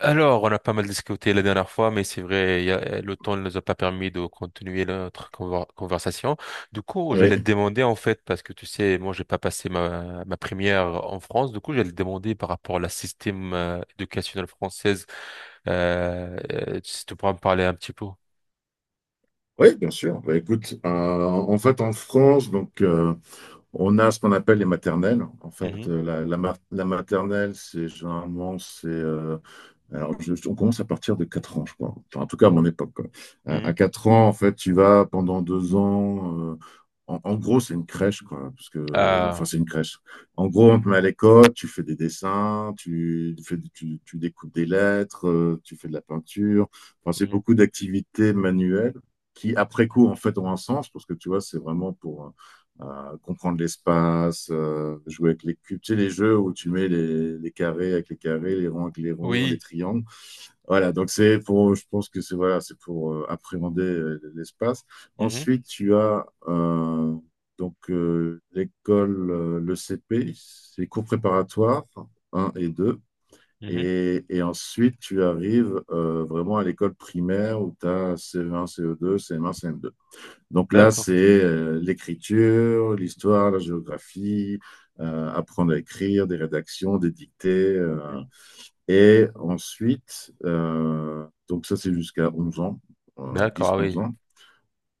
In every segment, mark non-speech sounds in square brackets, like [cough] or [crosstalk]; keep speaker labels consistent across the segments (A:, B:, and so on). A: Alors, on a pas mal discuté la dernière fois, mais c'est vrai, le temps ne nous a pas permis de continuer notre conversation. Du coup, je
B: Oui,
A: l'ai demandé en fait, parce que tu sais, moi, j'ai pas passé ma première en France. Du coup, je l'ai demandé par rapport à la système éducationnelle française. Si tu pourras me parler un petit peu.
B: oui, bien sûr. Bah, écoute, en fait, en France, donc, on a ce qu'on appelle les maternelles. En fait,
A: Mhm,
B: la maternelle, c'est généralement, c'est alors, on commence à partir de 4 ans, je crois. Enfin, en tout cas, à mon époque, quoi. À
A: mhm.
B: 4 ans, en fait, tu vas pendant 2 ans. En gros, c'est une crèche, quoi. Parce que,
A: Ah,
B: enfin, c'est une crèche. En gros, on te met à l'école, tu fais des dessins, tu découpes des lettres, tu fais de la peinture. Enfin, c'est
A: mhm.
B: beaucoup d'activités manuelles qui, après coup, en fait, ont un sens. Parce que, tu vois, c'est vraiment pour. euh, comprendre l'espace, jouer avec les cubes, tu sais, les jeux où tu mets les carrés avec les carrés, les ronds avec les ronds, les
A: Oui.
B: triangles. Voilà, donc c'est pour, je pense que c'est voilà, c'est pour appréhender l'espace.
A: Mhm,
B: Ensuite, tu as donc l'école, le CP, c'est les cours préparatoires un et deux.
A: mhm.
B: Et ensuite, tu arrives vraiment à l'école primaire où tu as CE1, CE2, CM1, CM2. Donc là,
A: D'accord.
B: c'est l'écriture, l'histoire, la géographie, apprendre à écrire, des rédactions, des dictées.
A: Mhm.
B: Et ensuite, donc ça, c'est jusqu'à 11 ans,
A: D'accord, ah
B: 10-11
A: oui.
B: ans.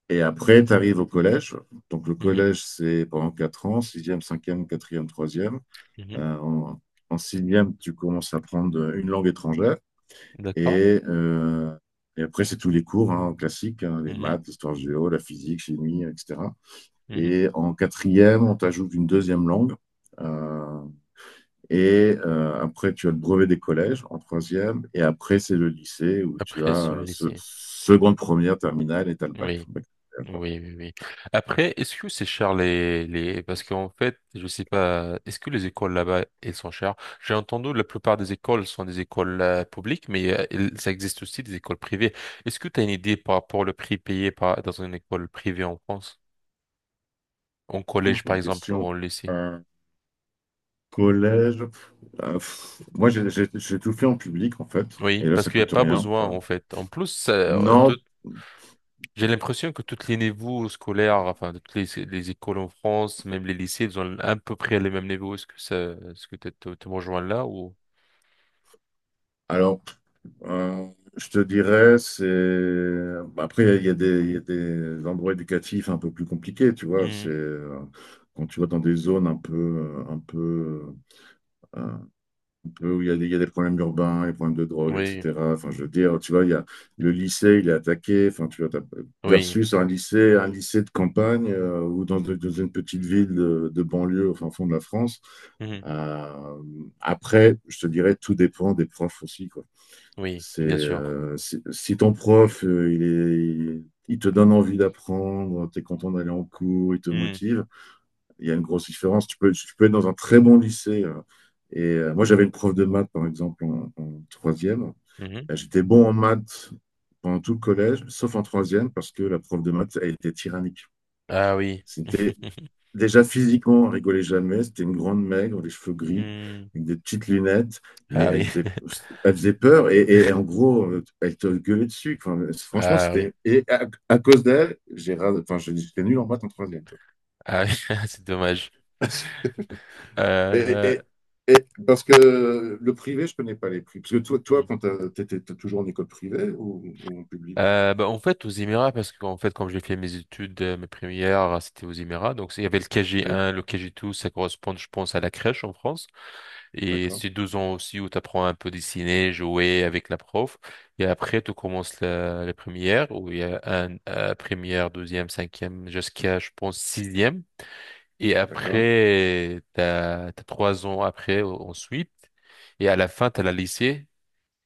B: Et après, tu arrives au collège. Donc le
A: Mhm,
B: collège, c'est pendant 4 ans, sixième, cinquième, quatrième, troisième.
A: mhm.
B: Euh, en, en 6, tu commences à apprendre une langue étrangère.
A: D'accord.
B: Et, euh, et après, c'est tous les cours hein, classiques, hein, les
A: Mhm,
B: maths, l'histoire géo, la physique, chimie, etc.
A: mhm.
B: Et en quatrième, on t'ajoute une deuxième langue. Euh, et après, tu as le brevet des collèges en troisième. Et après, c'est le lycée où tu
A: Après, se
B: as
A: laisser.
B: seconde, première, terminale et tu as le bac.
A: Oui. Oui, oui, oui. Après, est-ce que c'est cher les... Parce qu'en fait, je sais pas, est-ce que les écoles là-bas, elles sont chères? J'ai entendu la plupart des écoles sont des écoles publiques, mais ça existe aussi des écoles privées. Est-ce que tu as une idée par rapport au prix payé par... dans une école privée en France? En
B: Ouf,
A: collège, par
B: bonne
A: exemple, ou
B: question.
A: en lycée?
B: Un collège. Moi, j'ai tout fait en public, en fait.
A: Oui,
B: Et là,
A: parce
B: ça
A: qu'il n'y a
B: coûte
A: pas
B: rien.
A: besoin,
B: Enfin,
A: en fait. En plus, ça,
B: non.
A: j'ai l'impression que tous les niveaux scolaires, enfin, de toutes les écoles en France, même les lycées, ils ont à peu près les mêmes niveaux. Est-ce que ça, est-ce que tu te, te me rejoins là ou?
B: Alors, Euh, je te dirais, c'est... Bah, après, il y a des endroits éducatifs un peu plus compliqués, tu vois. C'est
A: Mhm.
B: quand tu vas dans des zones euh, un peu où il y a des problèmes urbains, des problèmes de drogue,
A: Oui,
B: etc. Enfin, je veux dire, tu vois, il y a le lycée, il est attaqué. Enfin, tu vois,
A: oui,
B: versus un lycée, de campagne ou dans une petite ville de banlieue au fin fond de la France.
A: mhm.
B: Euh, après, je te dirais, tout dépend des profs aussi, quoi.
A: Oui,
B: C'est,
A: bien sûr.
B: si ton prof, il te donne envie d'apprendre, tu es content d'aller en cours, il te
A: Mhm.
B: motive, il y a une grosse différence. Tu peux être dans un très bon lycée. Et moi, j'avais une prof de maths, par exemple, en, en troisième.
A: Mhm.
B: J'étais bon en maths pendant tout le collège, sauf en troisième, parce que la prof de maths, elle était tyrannique.
A: Ah oui.
B: C'était
A: [laughs]
B: Déjà physiquement, elle rigolait jamais. C'était une grande maigre, les cheveux gris,
A: Mhm.
B: avec des petites lunettes, mais
A: Ah
B: elle
A: oui.
B: faisait,
A: [laughs]
B: elle faisait peur et, et en gros, elle te gueulait dessus. Enfin, franchement,
A: Ah oui.
B: c'était. Et à cause d'elle, enfin, j'étais nul en maths en troisième, quoi.
A: Ah oui. [laughs] C'est dommage.
B: [laughs] Et,
A: Euh,
B: et- et parce que le privé, je connais pas les prix. Parce que toi,
A: Mhm.
B: quand tu étais toujours en école privée ou en public?
A: En fait, aux Émirats, parce qu'en fait, quand j'ai fait mes études, mes premières, c'était aux Émirats. Donc, il y avait le
B: Oui,
A: KG1, le KG2, ça correspond, je pense, à la crèche en France. Et
B: d'accord,
A: c'est deux ans aussi où tu apprends un peu dessiner, jouer avec la prof. Et après, tu commences la première, où il y a première, deuxième, cinquième, jusqu'à, je pense, sixième. Et
B: d'accord.
A: après, t'as trois ans après, ensuite. Et à la fin, t'as la lycée,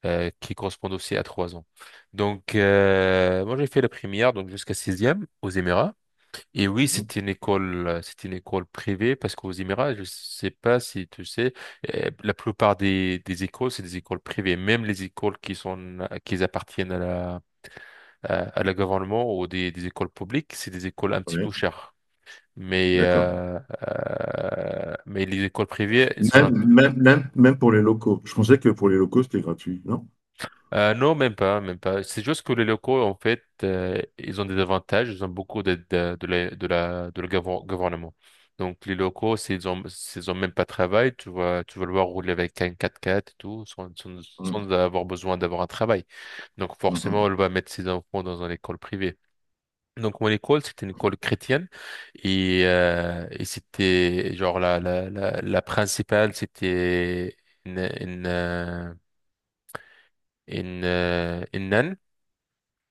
A: qui correspond aussi à trois ans. Donc, moi, j'ai fait la première, donc jusqu'à sixième, aux Émirats. Et oui,
B: Mhm.
A: c'était une école privée parce qu'aux Émirats, je sais pas si tu sais, la plupart des écoles, c'est des écoles privées. Même les écoles qui sont, qui appartiennent à la gouvernement ou des écoles publiques, c'est des écoles un petit peu
B: Oui,
A: chères. Mais,
B: d'accord.
A: euh, mais les écoles privées, elles sont un
B: Même, même, même, même pour les locaux. Je pensais que pour les locaux, c'était gratuit, non?
A: Non, même pas, même pas. C'est juste que les locaux, en fait, ils ont des avantages, ils ont beaucoup d'aide de le gouvernement. Donc, les locaux, s'ils ont même pas de travail, tu vas le voir rouler avec un quatre quatre et tout, sans, sans,
B: Mhm.
A: sans avoir besoin d'avoir un travail. Donc, forcément, elle
B: Mhm.
A: va mettre ses enfants dans une école privée. Donc, mon école, c'était une école chrétienne et c'était, genre, la principale, c'était une, une, euh, une,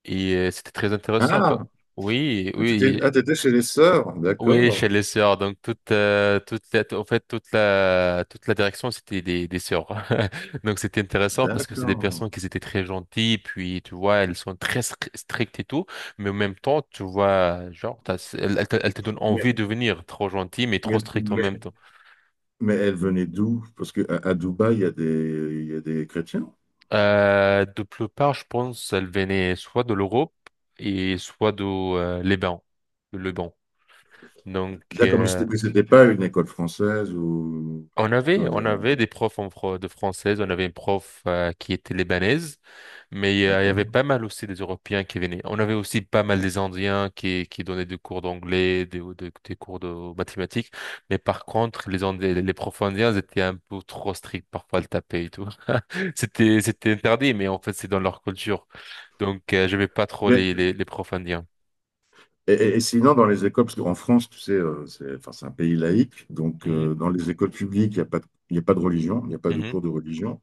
A: et c'était très
B: Ah,
A: intéressant. Pa- Oui,
B: ah, t'étais,
A: oui,
B: ah, t'étais chez les sœurs,
A: oui,
B: d'accord.
A: chez les sœurs. Donc toute, toute la, en fait, toute la direction, c'était des sœurs. [laughs] Donc c'était intéressant parce que c'est des
B: D'accord.
A: personnes qui étaient très gentilles. Puis tu vois, elles sont très strictes et tout, mais en même temps, tu vois, genre, elles te donnent
B: Mais,
A: envie de venir, trop gentilles mais trop
B: mais,
A: strictes en même
B: mais,
A: temps.
B: mais elle venait d'où? Parce qu'à à Dubaï, il y a des chrétiens.
A: De plus part, je pense, elles venaient soit de l'Europe et soit de Liban, le Liban. Donc
B: D'accord, mais c'était pas une école française ou
A: on avait,
B: école.
A: on avait des profs en de française, on avait une prof qui était libanaise, mais il y avait
B: D'accord.
A: pas mal aussi des Européens qui venaient. On avait aussi pas mal des Indiens qui donnaient des cours d'anglais, des cours de mathématiques, mais par contre, les profs indiens ils étaient un peu trop stricts, parfois le taper et tout. [laughs] C'était interdit, mais en fait, c'est dans leur culture. Donc, je n'aimais pas trop
B: Mais,
A: les profs indiens.
B: et sinon, dans les écoles, parce qu'en France, tu sais, c'est enfin, c'est un pays laïque, donc
A: Mhm,
B: euh, dans les écoles publiques, il n'y a pas, il y a pas de religion, il n'y a pas de
A: mhm.
B: cours de religion.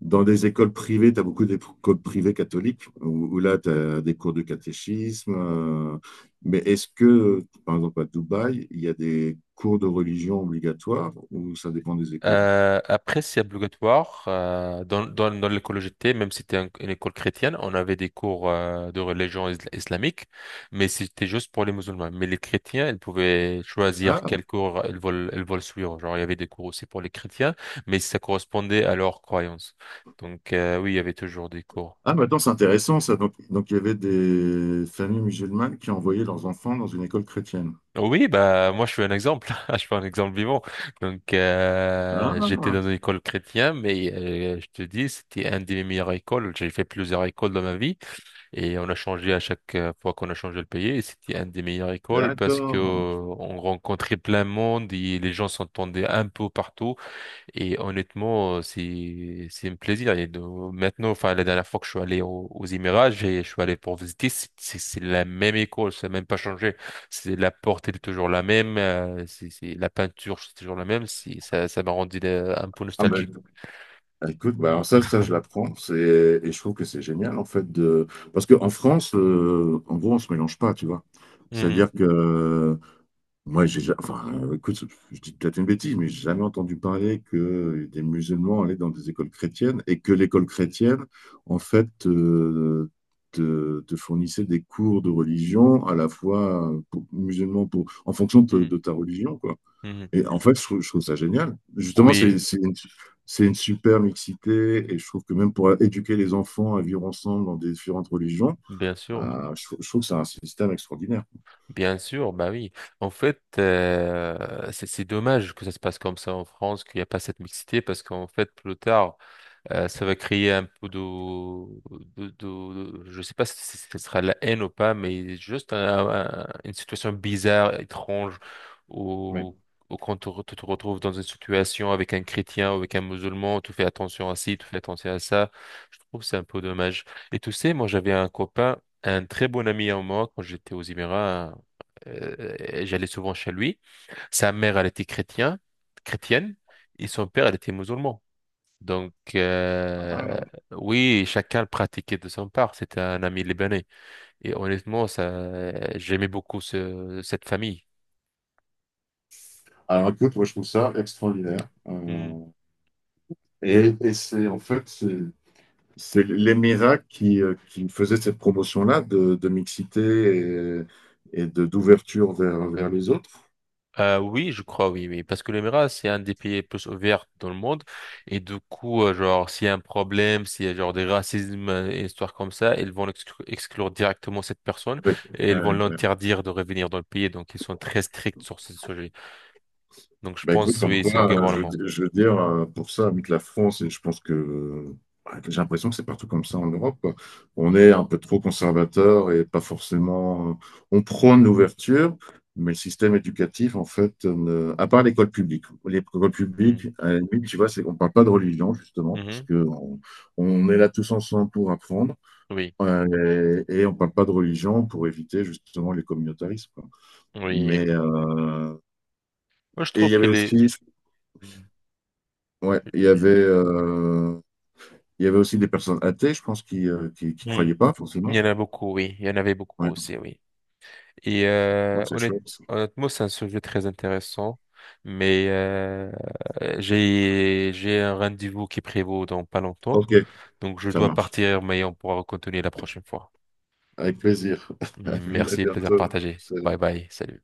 B: Dans des écoles privées, tu as beaucoup d'écoles privées catholiques, où là, tu as des cours de catéchisme. Mais est-ce que, par exemple, à Dubaï, il y a des cours de religion obligatoires ou ça dépend des écoles?
A: Après, c'est obligatoire dans l'école où j'étais, même si c'était une école chrétienne, on avait des cours de religion islamique, mais c'était juste pour les musulmans. Mais les chrétiens, ils pouvaient choisir
B: Ah,
A: quel cours ils veulent suivre. Genre, il y avait des cours aussi pour les chrétiens, mais ça correspondait à leurs croyances. Donc, oui, il y avait toujours des cours.
B: ah, maintenant, c'est intéressant, ça. Donc, il y avait des familles musulmanes qui envoyaient leurs enfants dans une école chrétienne.
A: Oui, bah moi je suis un exemple, [laughs] je suis un exemple vivant. Donc j'étais
B: Ah,
A: dans une école chrétienne, mais je te dis c'était un des meilleures écoles. J'ai fait plusieurs écoles dans ma vie et on a changé à chaque fois qu'on a changé le pays. Et c'était un des meilleures écoles parce que
B: d'accord.
A: on rencontrait plein de monde et les gens s'entendaient un peu partout. Et honnêtement, c'est un plaisir. Et de- maintenant, enfin, la dernière fois que je suis allé aux Émirats, je suis allé pour visiter, c'est la même école, ça n'a même pas changé. C'est la porte, elle est toujours la même, c'est la peinture, c'est toujours la même. Ça m'a rendu un peu
B: Ah, ben,
A: nostalgique.
B: ah, écoute, bah alors ça, je l'apprends. C'est, et je trouve que c'est génial, en fait, de, parce qu'en France, en gros, on se mélange pas, tu vois.
A: Mhm,
B: C'est-à-dire que, moi, enfin, écoute, je dis peut-être une bêtise, mais j'ai jamais entendu parler que des musulmans allaient dans des écoles chrétiennes et que l'école chrétienne, en fait, te fournissait des cours de religion à la fois pour, musulmans pour, en fonction de,
A: mhm,
B: de ta religion, quoi.
A: mhm.
B: Et en fait, je trouve ça génial. Justement, c'est
A: Oui,
B: c'est une, c'est une super mixité et je trouve que même pour éduquer les enfants à vivre ensemble dans des différentes religions,
A: bien sûr.
B: je trouve que c'est un système extraordinaire.
A: Bien sûr, bah oui. En fait, c'est dommage que ça se passe comme ça en France, qu'il n'y a pas cette mixité, parce qu'en fait, plus tard, ça va créer un peu de... je sais pas si ce sera la haine ou pas, mais juste une situation bizarre, étrange,
B: Ouais.
A: où, où quand tu te retrouves dans une situation avec un chrétien ou avec un musulman, tu fais attention à ci, tu fais attention à ça. Je trouve que c'est un peu dommage. Et tu sais, moi j'avais un copain, un très bon ami à moi quand j'étais aux Émirats, et j'allais souvent chez lui. Sa mère, elle était chrétien, chrétienne, et son père, elle était musulman. Donc,
B: Ah.
A: oui, chacun le pratiquait de son part. C'était un ami libanais. Et honnêtement, ça, j'aimais beaucoup cette famille.
B: Alors écoute, moi je trouve ça extraordinaire.
A: Hmm.
B: Et c'est en fait, c'est les miracles qui faisaient cette promotion-là de mixité et d'ouverture vers les autres.
A: Oui, je crois, oui, oui. Parce que l'Émirat, c'est un des pays les plus ouverts dans le monde. Et du coup, genre, s'il y a un problème, s'il y a genre des racismes, et histoire comme ça, ils vont exclure directement cette personne
B: Oui.
A: et ils vont l'interdire de revenir dans le pays. Donc, ils sont très stricts sur ce sujet. Donc, je
B: Bah écoute,
A: pense,
B: comme
A: oui, c'est le
B: quoi, je, veux
A: gouvernement.
B: di- je veux dire, pour ça, avec la France, et je pense que j'ai l'impression que c'est partout comme ça en Europe, quoi. On
A: Hmm.
B: est un peu trop conservateur et pas forcément. On prône l'ouverture, mais le système éducatif, en fait, à part l'école publique. L'école publique,
A: Hmm.
B: à la limite, tu vois, c'est qu'on ne parle pas de religion, justement, parce
A: Mhm.
B: que on est là tous ensemble pour apprendre,
A: Oui.
B: et on ne parle pas de religion pour éviter, justement, les communautarismes, quoi.
A: Oui,
B: Mais.
A: moi, je
B: Et il
A: trouve
B: y
A: que
B: avait aussi.
A: les...
B: Ouais, il y avait aussi des personnes athées, je pense, qui
A: Mm.
B: croyaient pas forcément.
A: Il y en a beaucoup, oui. Il y en avait beaucoup
B: Ouais,
A: aussi, oui. Et
B: bon, c'est chouette.
A: honnêtement, c'est un sujet très intéressant, mais j'ai un rendez-vous qui prévaut dans pas longtemps,
B: Ok,
A: donc je
B: ça
A: dois
B: marche.
A: partir, mais on pourra continuer la prochaine fois.
B: Avec plaisir. [laughs] À
A: Merci, plaisir
B: bientôt.
A: partagé. Bye bye, salut.